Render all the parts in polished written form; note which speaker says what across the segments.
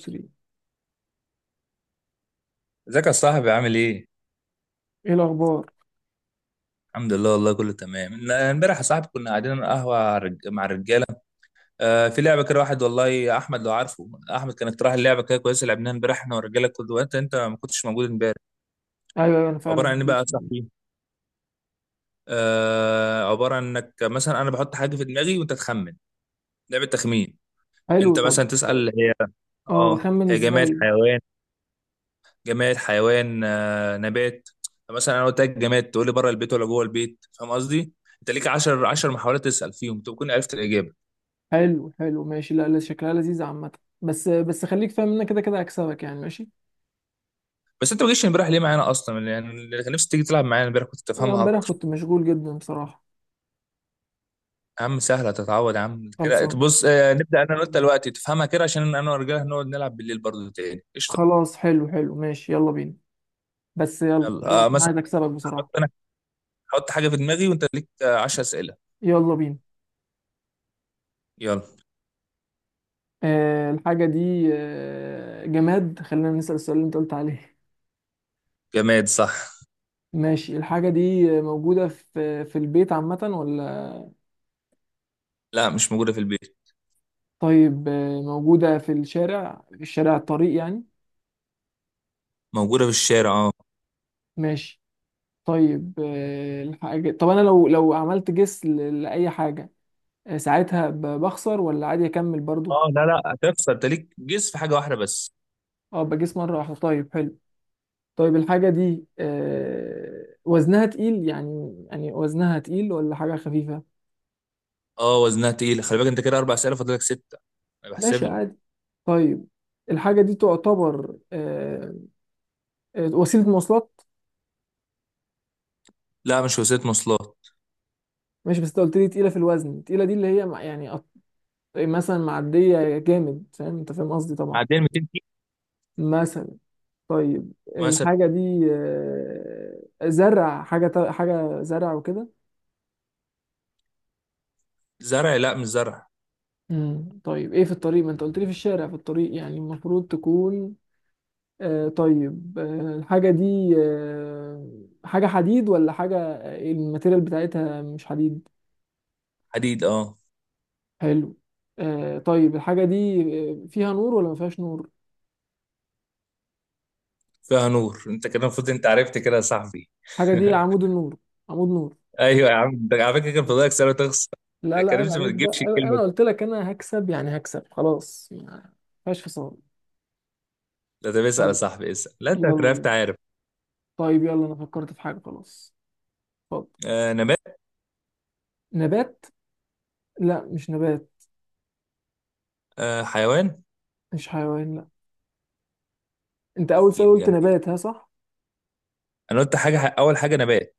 Speaker 1: 3
Speaker 2: ازيك يا صاحبي عامل ايه؟
Speaker 1: ايه الاخبار؟
Speaker 2: الحمد لله، والله كله تمام. امبارح يا صاحبي كنا قاعدين على القهوه، مع الرجاله. آه، في لعبه كده، واحد والله احمد لو عارفه. احمد كان اقتراح اللعبه، كده كويسه، لعبناها امبارح احنا والرجاله كله. وانت ما كنتش موجود امبارح.
Speaker 1: ايوه ايوه، انا فعلا ما
Speaker 2: عباره عن ايه بقى يا
Speaker 1: حبيتش دي.
Speaker 2: صاحبي؟ آه، عباره عن انك مثلا انا بحط حاجه في دماغي وانت تخمن. لعبه تخمين.
Speaker 1: حلو،
Speaker 2: انت
Speaker 1: طب
Speaker 2: مثلا تسال، هي.
Speaker 1: اه
Speaker 2: اه.
Speaker 1: بخمن
Speaker 2: هي جماد،
Speaker 1: ازاي؟
Speaker 2: حيوان؟ جماد، حيوان، نبات؟ مثلا انا قلت لك جماد، تقول لي بره البيت ولا جوه البيت، فاهم قصدي؟ انت ليك 10 محاولات تسال فيهم تكون عرفت الاجابه.
Speaker 1: حلو حلو، ماشي. لا لا، شكلها لذيذه عامه. بس بس خليك فاهم ان أنا كده كده هكسبك يعني. ماشي.
Speaker 2: بس انت ما جيتش امبارح ليه معانا اصلا؟ يعني اللي كان نفسي تيجي تلعب معانا امبارح كنت
Speaker 1: لا،
Speaker 2: تفهمها
Speaker 1: امبارح
Speaker 2: اكتر.
Speaker 1: كنت مشغول جدا بصراحه.
Speaker 2: يا عم سهله تتعود، يا عم، كده
Speaker 1: خلصان.
Speaker 2: بص، نبدا انا وانت دلوقتي تفهمها كده عشان انا والرجاله هنقعد نلعب بالليل برضه تاني. قشطه.
Speaker 1: خلاص، حلو حلو، ماشي، يلا بينا. بس يلا
Speaker 2: يلا،
Speaker 1: يلا، انا
Speaker 2: مثلا.
Speaker 1: عايز اكسبك
Speaker 2: حط
Speaker 1: بصراحه.
Speaker 2: انا حط حاجه في دماغي وانت ليك 10 اسئله.
Speaker 1: يلا بينا.
Speaker 2: يلا.
Speaker 1: الحاجه دي جماد، خلينا نسأل السؤال اللي انت قلت عليه.
Speaker 2: جماد، صح.
Speaker 1: ماشي، الحاجه دي موجوده في البيت عامه ولا؟
Speaker 2: لا، مش موجوده في البيت.
Speaker 1: طيب، موجودة في الشارع الطريق يعني.
Speaker 2: موجوده في الشارع، اه.
Speaker 1: ماشي. طيب الحاجة، طب أنا لو عملت جس لأي حاجة، ساعتها بخسر ولا عادي أكمل برضو؟
Speaker 2: اه، لا لا، هتخسر، انت ليك جيس في حاجه واحده بس.
Speaker 1: أه بجس مرة واحدة، طيب حلو. طيب الحاجة دي وزنها تقيل، يعني وزنها تقيل ولا حاجة خفيفة؟
Speaker 2: اه، وزنها تقيل. خلي بالك، انت كده اربع اسئله، فاضلك سته. أنا بحسب
Speaker 1: ماشي
Speaker 2: لك.
Speaker 1: عادي. طيب الحاجة دي تعتبر وسيلة مواصلات؟
Speaker 2: لا، مش وسيله مواصلات.
Speaker 1: ماشي بس أنت قلت لي تقيلة في الوزن، التقيلة دي اللي هي يعني، طيب مثلا معدية جامد، فاهم، انت فاهم قصدي طبعا.
Speaker 2: عدين 200 كيلو
Speaker 1: مثلا. طيب
Speaker 2: مثلا.
Speaker 1: الحاجة دي زرع، حاجة زرع وكده.
Speaker 2: زرع، لا مش زرع.
Speaker 1: طيب ايه، في الطريق، ما انت قلت لي في الشارع في الطريق، يعني المفروض تكون طيب الحاجة دي حاجة حديد، ولا حاجة الماتيريال بتاعتها مش حديد؟
Speaker 2: حديد، اه.
Speaker 1: حلو. طيب الحاجة دي فيها نور ولا ما فيهاش نور؟
Speaker 2: فيها نور، انت كده المفروض انت عرفت، كده يا صاحبي.
Speaker 1: الحاجة دي عمود النور. عمود نور.
Speaker 2: ايوه يا عم، ده على فكره كان فاضلك سنه تخسر.
Speaker 1: لا
Speaker 2: يا
Speaker 1: لا،
Speaker 2: كريم،
Speaker 1: عيب
Speaker 2: ما
Speaker 1: عليك بقى،
Speaker 2: تجيبش الكلمه
Speaker 1: انا
Speaker 2: دي.
Speaker 1: قلت لك انا هكسب، يعني هكسب خلاص، ما فيهاش فصال.
Speaker 2: لا طب اسال يا
Speaker 1: طيب
Speaker 2: صاحبي، اسال، لا انت
Speaker 1: يلا
Speaker 2: عرفت،
Speaker 1: بينا.
Speaker 2: عارف.
Speaker 1: طيب يلا، انا فكرت في حاجه خلاص. اتفضل.
Speaker 2: آه، نبات.
Speaker 1: نبات؟ لا مش نبات.
Speaker 2: آه، حيوان.
Speaker 1: مش حيوان لا. انت اول سؤال
Speaker 2: اكيد،
Speaker 1: قلت
Speaker 2: جميل.
Speaker 1: نبات، ها، صح؟
Speaker 2: انا قلت حاجه، اول حاجه نبات.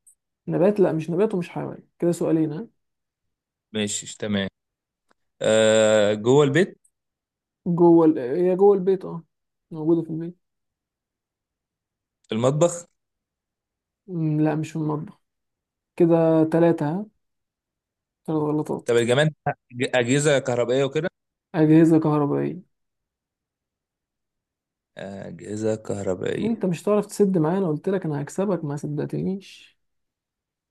Speaker 1: نبات لا، مش نبات ومش حيوان، كده سؤالين ها.
Speaker 2: ماشي تمام. آه، جوه البيت.
Speaker 1: هي جوه البيت اه، موجوده في البيت.
Speaker 2: المطبخ.
Speaker 1: لا مش في المطبخ. كده ثلاثه ها، ثلاث غلطات.
Speaker 2: طب الجمال. اجهزه كهربائيه وكده.
Speaker 1: اجهزه كهربائيه.
Speaker 2: أجهزة
Speaker 1: انت
Speaker 2: كهربائية.
Speaker 1: مش هتعرف تسد معايا، انا قلت لك انا هكسبك، ما صدقتنيش.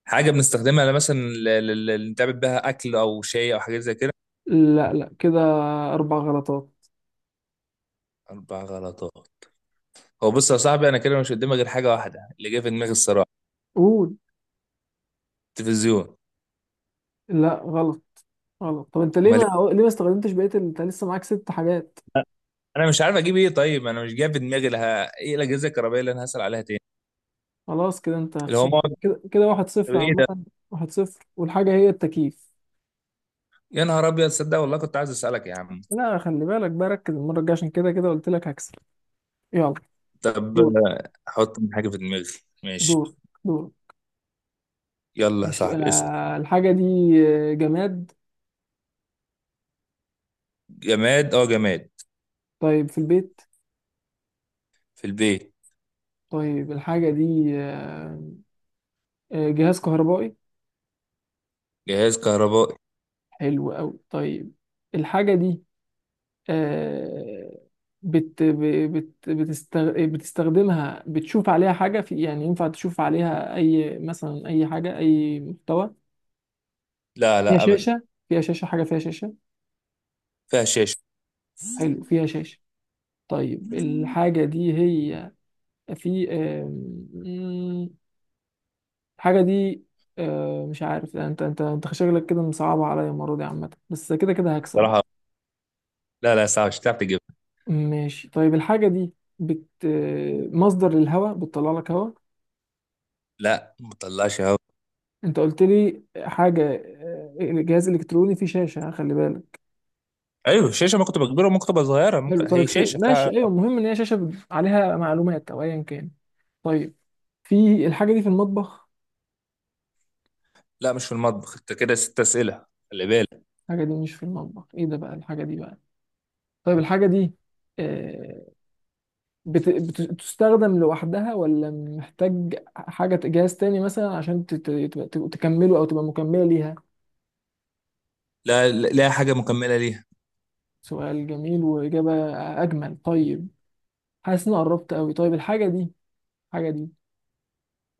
Speaker 2: حاجة بنستخدمها مثلا، اللي نتعمل بها أكل أو شاي أو حاجات زي كده.
Speaker 1: لا لا، كده اربع غلطات.
Speaker 2: أربع غلطات. هو بص يا صاحبي، أنا كده مش قدامي غير حاجة واحدة اللي جاي في دماغي الصراحة.
Speaker 1: قول.
Speaker 2: التلفزيون.
Speaker 1: لا غلط. غلط. طب انت ليه،
Speaker 2: أمال إيه؟
Speaker 1: ما ليه ما استخدمتش انت لسه معاك ست حاجات؟
Speaker 2: أنا مش عارف أجيب إيه، طيب أنا مش جاي في دماغي لها، إيه الأجهزة الكهربائية اللي أنا هسأل عليها تاني؟
Speaker 1: خلاص كده انت
Speaker 2: اللي هو
Speaker 1: خسرت.
Speaker 2: مقعد.
Speaker 1: كده كده واحد
Speaker 2: طب
Speaker 1: صفر
Speaker 2: إيه ده؟
Speaker 1: عامة. واحد صفر، والحاجة هي التكييف.
Speaker 2: يا نهار أبيض، صدق والله كنت عايز أسألك يا عم.
Speaker 1: لا، خلي بالك بقى، ركز المرة الجاية، عشان كده كده قلت لك هكسب. يلا.
Speaker 2: طب،
Speaker 1: دور
Speaker 2: أحط حاجة في دماغي. ماشي.
Speaker 1: دور دور.
Speaker 2: يلا يا
Speaker 1: ماشي،
Speaker 2: صاحبي، اسأل.
Speaker 1: انا الحاجة دي جماد.
Speaker 2: جماد، أه جماد.
Speaker 1: طيب في البيت.
Speaker 2: في البيت.
Speaker 1: طيب الحاجة دي جهاز كهربائي.
Speaker 2: جهاز كهربائي.
Speaker 1: حلو قوي، طيب. الحاجة دي آه، بتستخدمها، بتشوف عليها حاجة في، يعني ينفع تشوف عليها أي، مثلا أي حاجة، أي محتوى؟
Speaker 2: لا
Speaker 1: فيها
Speaker 2: لا أبدا.
Speaker 1: شاشة؟ فيها شاشة، حاجة فيها شاشة.
Speaker 2: فيها شاشة.
Speaker 1: حلو، فيها شاشة. طيب الحاجة دي هي، في آم، مم، الحاجة دي مش عارف، انت شكلك كده مصعبة عليا المرة دي عامة، بس كده كده هكسب بقى.
Speaker 2: صراحة. لا لا، صعب، مش هتعرف تجيبها.
Speaker 1: ماشي. طيب الحاجة دي بت آه، مصدر للهواء، بتطلع لك هواء؟
Speaker 2: لا، ما تطلعش هوا.
Speaker 1: انت قلت لي حاجه جهاز الكتروني فيه شاشه خلي بالك.
Speaker 2: ايوه الشاشه، ما كنت بكبيره، ممكن تبقى صغيره،
Speaker 1: حلو،
Speaker 2: ممكن
Speaker 1: طيب
Speaker 2: هي شاشه
Speaker 1: ماشي،
Speaker 2: فعلا.
Speaker 1: ايوه، المهم ان هي شاشه عليها معلومات او ايا كان. طيب، في الحاجه دي في المطبخ؟
Speaker 2: لا مش في المطبخ، انت كده ست اسئله، خلي بالك.
Speaker 1: الحاجه دي مش في المطبخ، ايه ده بقى الحاجه دي بقى؟ طيب الحاجه دي آه، بتستخدم لوحدها، ولا محتاج حاجه، جهاز تاني مثلا، عشان تكمله او تبقى مكمله ليها؟
Speaker 2: لا لا لا، حاجه مكمله ليها.
Speaker 1: سؤال جميل واجابه اجمل، طيب. حاسس اني قربت قوي. طيب الحاجه دي، الحاجه دي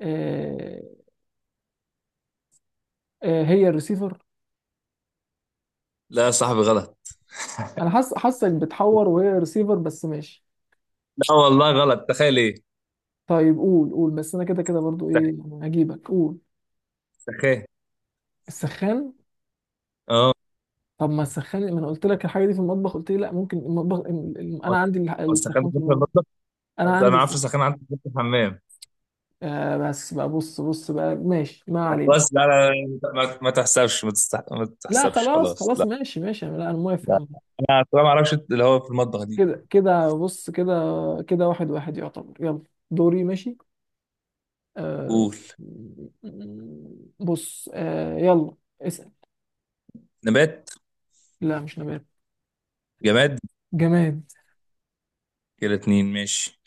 Speaker 1: آه، هي الريسيفر؟
Speaker 2: لا يا صاحبي، غلط.
Speaker 1: انا حاسس حاسك بتحور، وهي الريسيفر بس ماشي.
Speaker 2: لا والله غلط، تخيل ايه.
Speaker 1: طيب قول، قول، بس انا كده كده برضو ايه،
Speaker 2: سخ-
Speaker 1: يعني هجيبك. قول.
Speaker 2: سخان.
Speaker 1: السخان.
Speaker 2: اه.
Speaker 1: طب ما السخان، ما انا قلت لك الحاجه دي في المطبخ قلت لي لا، ممكن المطبخ انا عندي
Speaker 2: هو السخان
Speaker 1: السخان في
Speaker 2: بيكون في
Speaker 1: المطبخ.
Speaker 2: المطبخ.
Speaker 1: انا
Speaker 2: بس انا
Speaker 1: عندي
Speaker 2: عارف السخان عندك في الحمام.
Speaker 1: بس بقى، بص بقى، ماشي، ما علينا.
Speaker 2: خلاص، لا لا لا، ما تحسبش، ما
Speaker 1: لا
Speaker 2: تحسبش،
Speaker 1: خلاص
Speaker 2: خلاص
Speaker 1: خلاص،
Speaker 2: لا.
Speaker 1: ماشي ماشي، لا انا موافق يا
Speaker 2: لا
Speaker 1: عم.
Speaker 2: انا أصلاً ما اعرفش اللي هو في المطبخ دي.
Speaker 1: كده كده بص، كده كده واحد واحد يعتبر. يلا، دوري. ماشي. آه.
Speaker 2: قول.
Speaker 1: بص آه يلا، اسأل.
Speaker 2: نبات.
Speaker 1: لا مش نبات.
Speaker 2: جماد.
Speaker 1: جماد.
Speaker 2: كده اتنين، ماشي.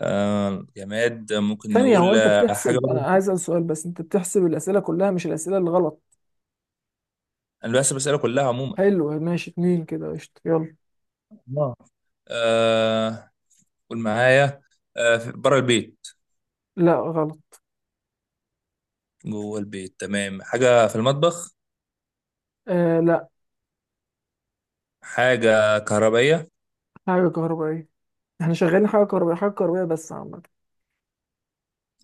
Speaker 2: آه جماد، ممكن
Speaker 1: ثانية، هو
Speaker 2: نقول،
Speaker 1: أنت
Speaker 2: حاجة
Speaker 1: بتحسب
Speaker 2: بره.
Speaker 1: أنا عايز أسأل سؤال؟ بس أنت بتحسب الأسئلة كلها، مش الأسئلة اللي غلط.
Speaker 2: أنا بس بسأله كلها عموما.
Speaker 1: حلو، ماشي، اتنين كده، قشطة، يلا.
Speaker 2: آه. آه، قول معايا. بره البيت.
Speaker 1: لا غلط.
Speaker 2: جوه البيت تمام، حاجة في المطبخ.
Speaker 1: آه لا.
Speaker 2: حاجة كهربائية.
Speaker 1: حاجة كهربائية، احنا شغالين حاجة كهربائية، حاجة كهربائية بس عامة.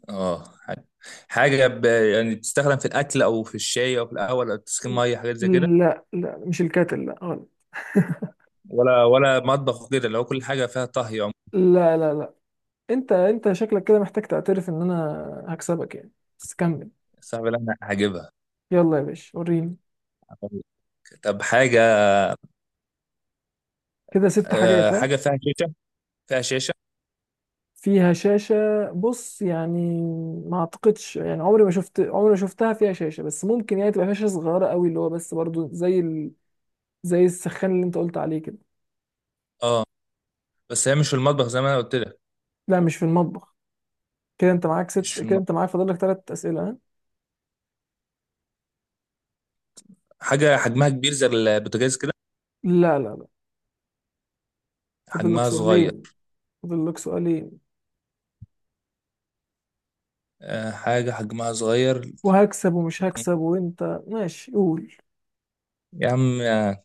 Speaker 2: اه حاجة. حاجة يعني بتستخدم في الأكل أو في الشاي أو في القهوة أو تسخين مية، حاجات زي كده.
Speaker 1: لا لا، مش الكاتل، لا غلط.
Speaker 2: ولا مطبخ وكده، لو كل حاجة فيها طهي عموما.
Speaker 1: لا لا لا، أنت، أنت شكلك كده محتاج تعترف إن أنا هكسبك يعني. بس كمل.
Speaker 2: صعب اللي أنا هجيبها.
Speaker 1: يلا يا باشا، وريني.
Speaker 2: طب حاجة.
Speaker 1: كده ست
Speaker 2: آه
Speaker 1: حاجات ها.
Speaker 2: حاجة فيها شاشة. فيها شاشة.
Speaker 1: فيها شاشة؟ بص يعني، ما اعتقدش، يعني عمري ما شفت، عمري ما شفتها فيها شاشة، بس ممكن يعني تبقى فيها شاشة صغيرة قوي، اللي هو بس برضو زي زي السخان اللي انت قلت عليه كده.
Speaker 2: اه. بس هي مش في المطبخ زي ما أنا قلت لك.
Speaker 1: لا مش في المطبخ. كده انت معاك
Speaker 2: مش
Speaker 1: ست،
Speaker 2: في
Speaker 1: كده انت
Speaker 2: المطبخ.
Speaker 1: معاك فاضل لك ثلاث أسئلة ها؟
Speaker 2: حاجة حجمها كبير زي البوتاجاز كده.
Speaker 1: لا لا لا. فاضل لك
Speaker 2: حجمها صغير.
Speaker 1: سؤالين. فاضل لك سؤالين.
Speaker 2: حاجة حجمها صغير.
Speaker 1: وهكسب ومش هكسب، وانت ماشي، قول.
Speaker 2: يا عم،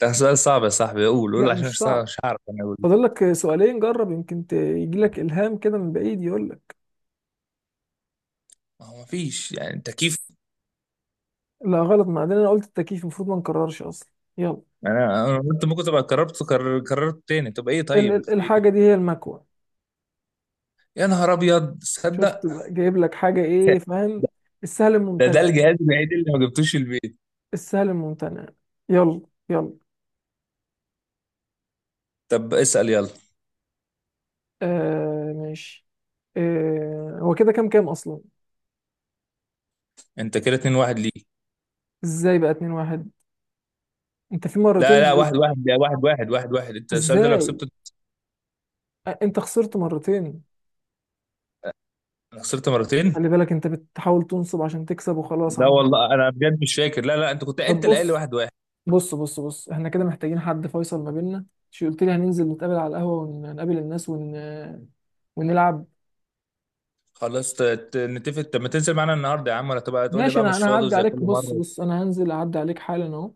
Speaker 2: ده سؤال صعب يا صاحبي، قول قول
Speaker 1: لا
Speaker 2: عشان
Speaker 1: مش صعب،
Speaker 2: مش هعرف انا اقول.
Speaker 1: فاضل لك سؤالين، جرب يمكن يجي لك إلهام كده من بعيد يقول لك.
Speaker 2: ما هو مفيش يعني تكييف.
Speaker 1: لا غلط، ما عندنا، انا قلت التكييف، المفروض ما نكررش اصلا. يلا.
Speaker 2: انا قلت ممكن تبقى قررت، قررت تاني. طب ايه، طيب في
Speaker 1: الحاجة دي
Speaker 2: إيه؟
Speaker 1: هي المكوة.
Speaker 2: يا نهار ابيض،
Speaker 1: شفت
Speaker 2: تصدق.
Speaker 1: بقى؟ جايب لك حاجة
Speaker 2: ده
Speaker 1: ايه، فاهم؟ السهل
Speaker 2: ده
Speaker 1: الممتنع.
Speaker 2: الجهاز الوحيد اللي ما جبتوش البيت.
Speaker 1: السهل الممتنع. يلا. يلا.
Speaker 2: طب اسأل يلا.
Speaker 1: آه ماشي. آه، هو كده كام، اصلا؟
Speaker 2: انت كده 2-1 ليك.
Speaker 1: ازاي بقى اتنين واحد؟ انت في مرتين
Speaker 2: لا لا، واحد
Speaker 1: غلطت.
Speaker 2: واحد، ده واحد واحد، واحد واحد. انت السؤال ده لو
Speaker 1: ازاي؟
Speaker 2: كسبته.
Speaker 1: انت خسرت مرتين.
Speaker 2: أنا خسرت مرتين.
Speaker 1: خلي بالك، انت بتحاول تنصب عشان تكسب وخلاص
Speaker 2: لا
Speaker 1: عم.
Speaker 2: والله انا بجد مش فاكر، لا لا، انت كنت
Speaker 1: طب
Speaker 2: انت اللي قايل لي
Speaker 1: بص
Speaker 2: واحد واحد.
Speaker 1: بص بص بص، احنا كده محتاجين حد فيصل ما بيننا. شو قلت لي، هننزل نتقابل على القهوة، ونقابل الناس ونلعب.
Speaker 2: خلاص نتفق. طب ما تنزل معانا النهارده يا عم، ولا تبقى تقول لي
Speaker 1: ماشي،
Speaker 2: بقى
Speaker 1: انا
Speaker 2: مش
Speaker 1: انا
Speaker 2: فاضي
Speaker 1: هعدي
Speaker 2: زي كل
Speaker 1: عليك، بص
Speaker 2: مره؟
Speaker 1: بص، انا هنزل اعدي عليك حالا اهو.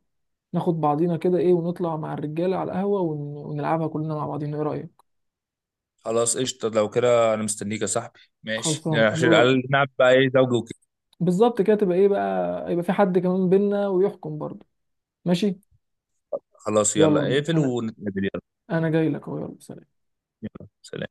Speaker 1: ناخد بعضينا كده ايه، ونطلع مع الرجاله على القهوه ونلعبها كلنا مع بعضينا، ايه رايك؟
Speaker 2: خلاص قشطه، لو كده انا مستنيك يا صاحبي، ماشي يعني
Speaker 1: خلصان،
Speaker 2: عشان
Speaker 1: يلا.
Speaker 2: قال نلعب بقى، ايه زوجي وكده.
Speaker 1: بالظبط كده، تبقى ايه بقى، يبقى في حد كمان بينا ويحكم برضه. ماشي.
Speaker 2: خلاص
Speaker 1: يلا
Speaker 2: يلا،
Speaker 1: بينا.
Speaker 2: اقفل
Speaker 1: انا
Speaker 2: ونتقابل، يلا.
Speaker 1: انا جاي لك اهو، يلا سلام.
Speaker 2: يلا سلام.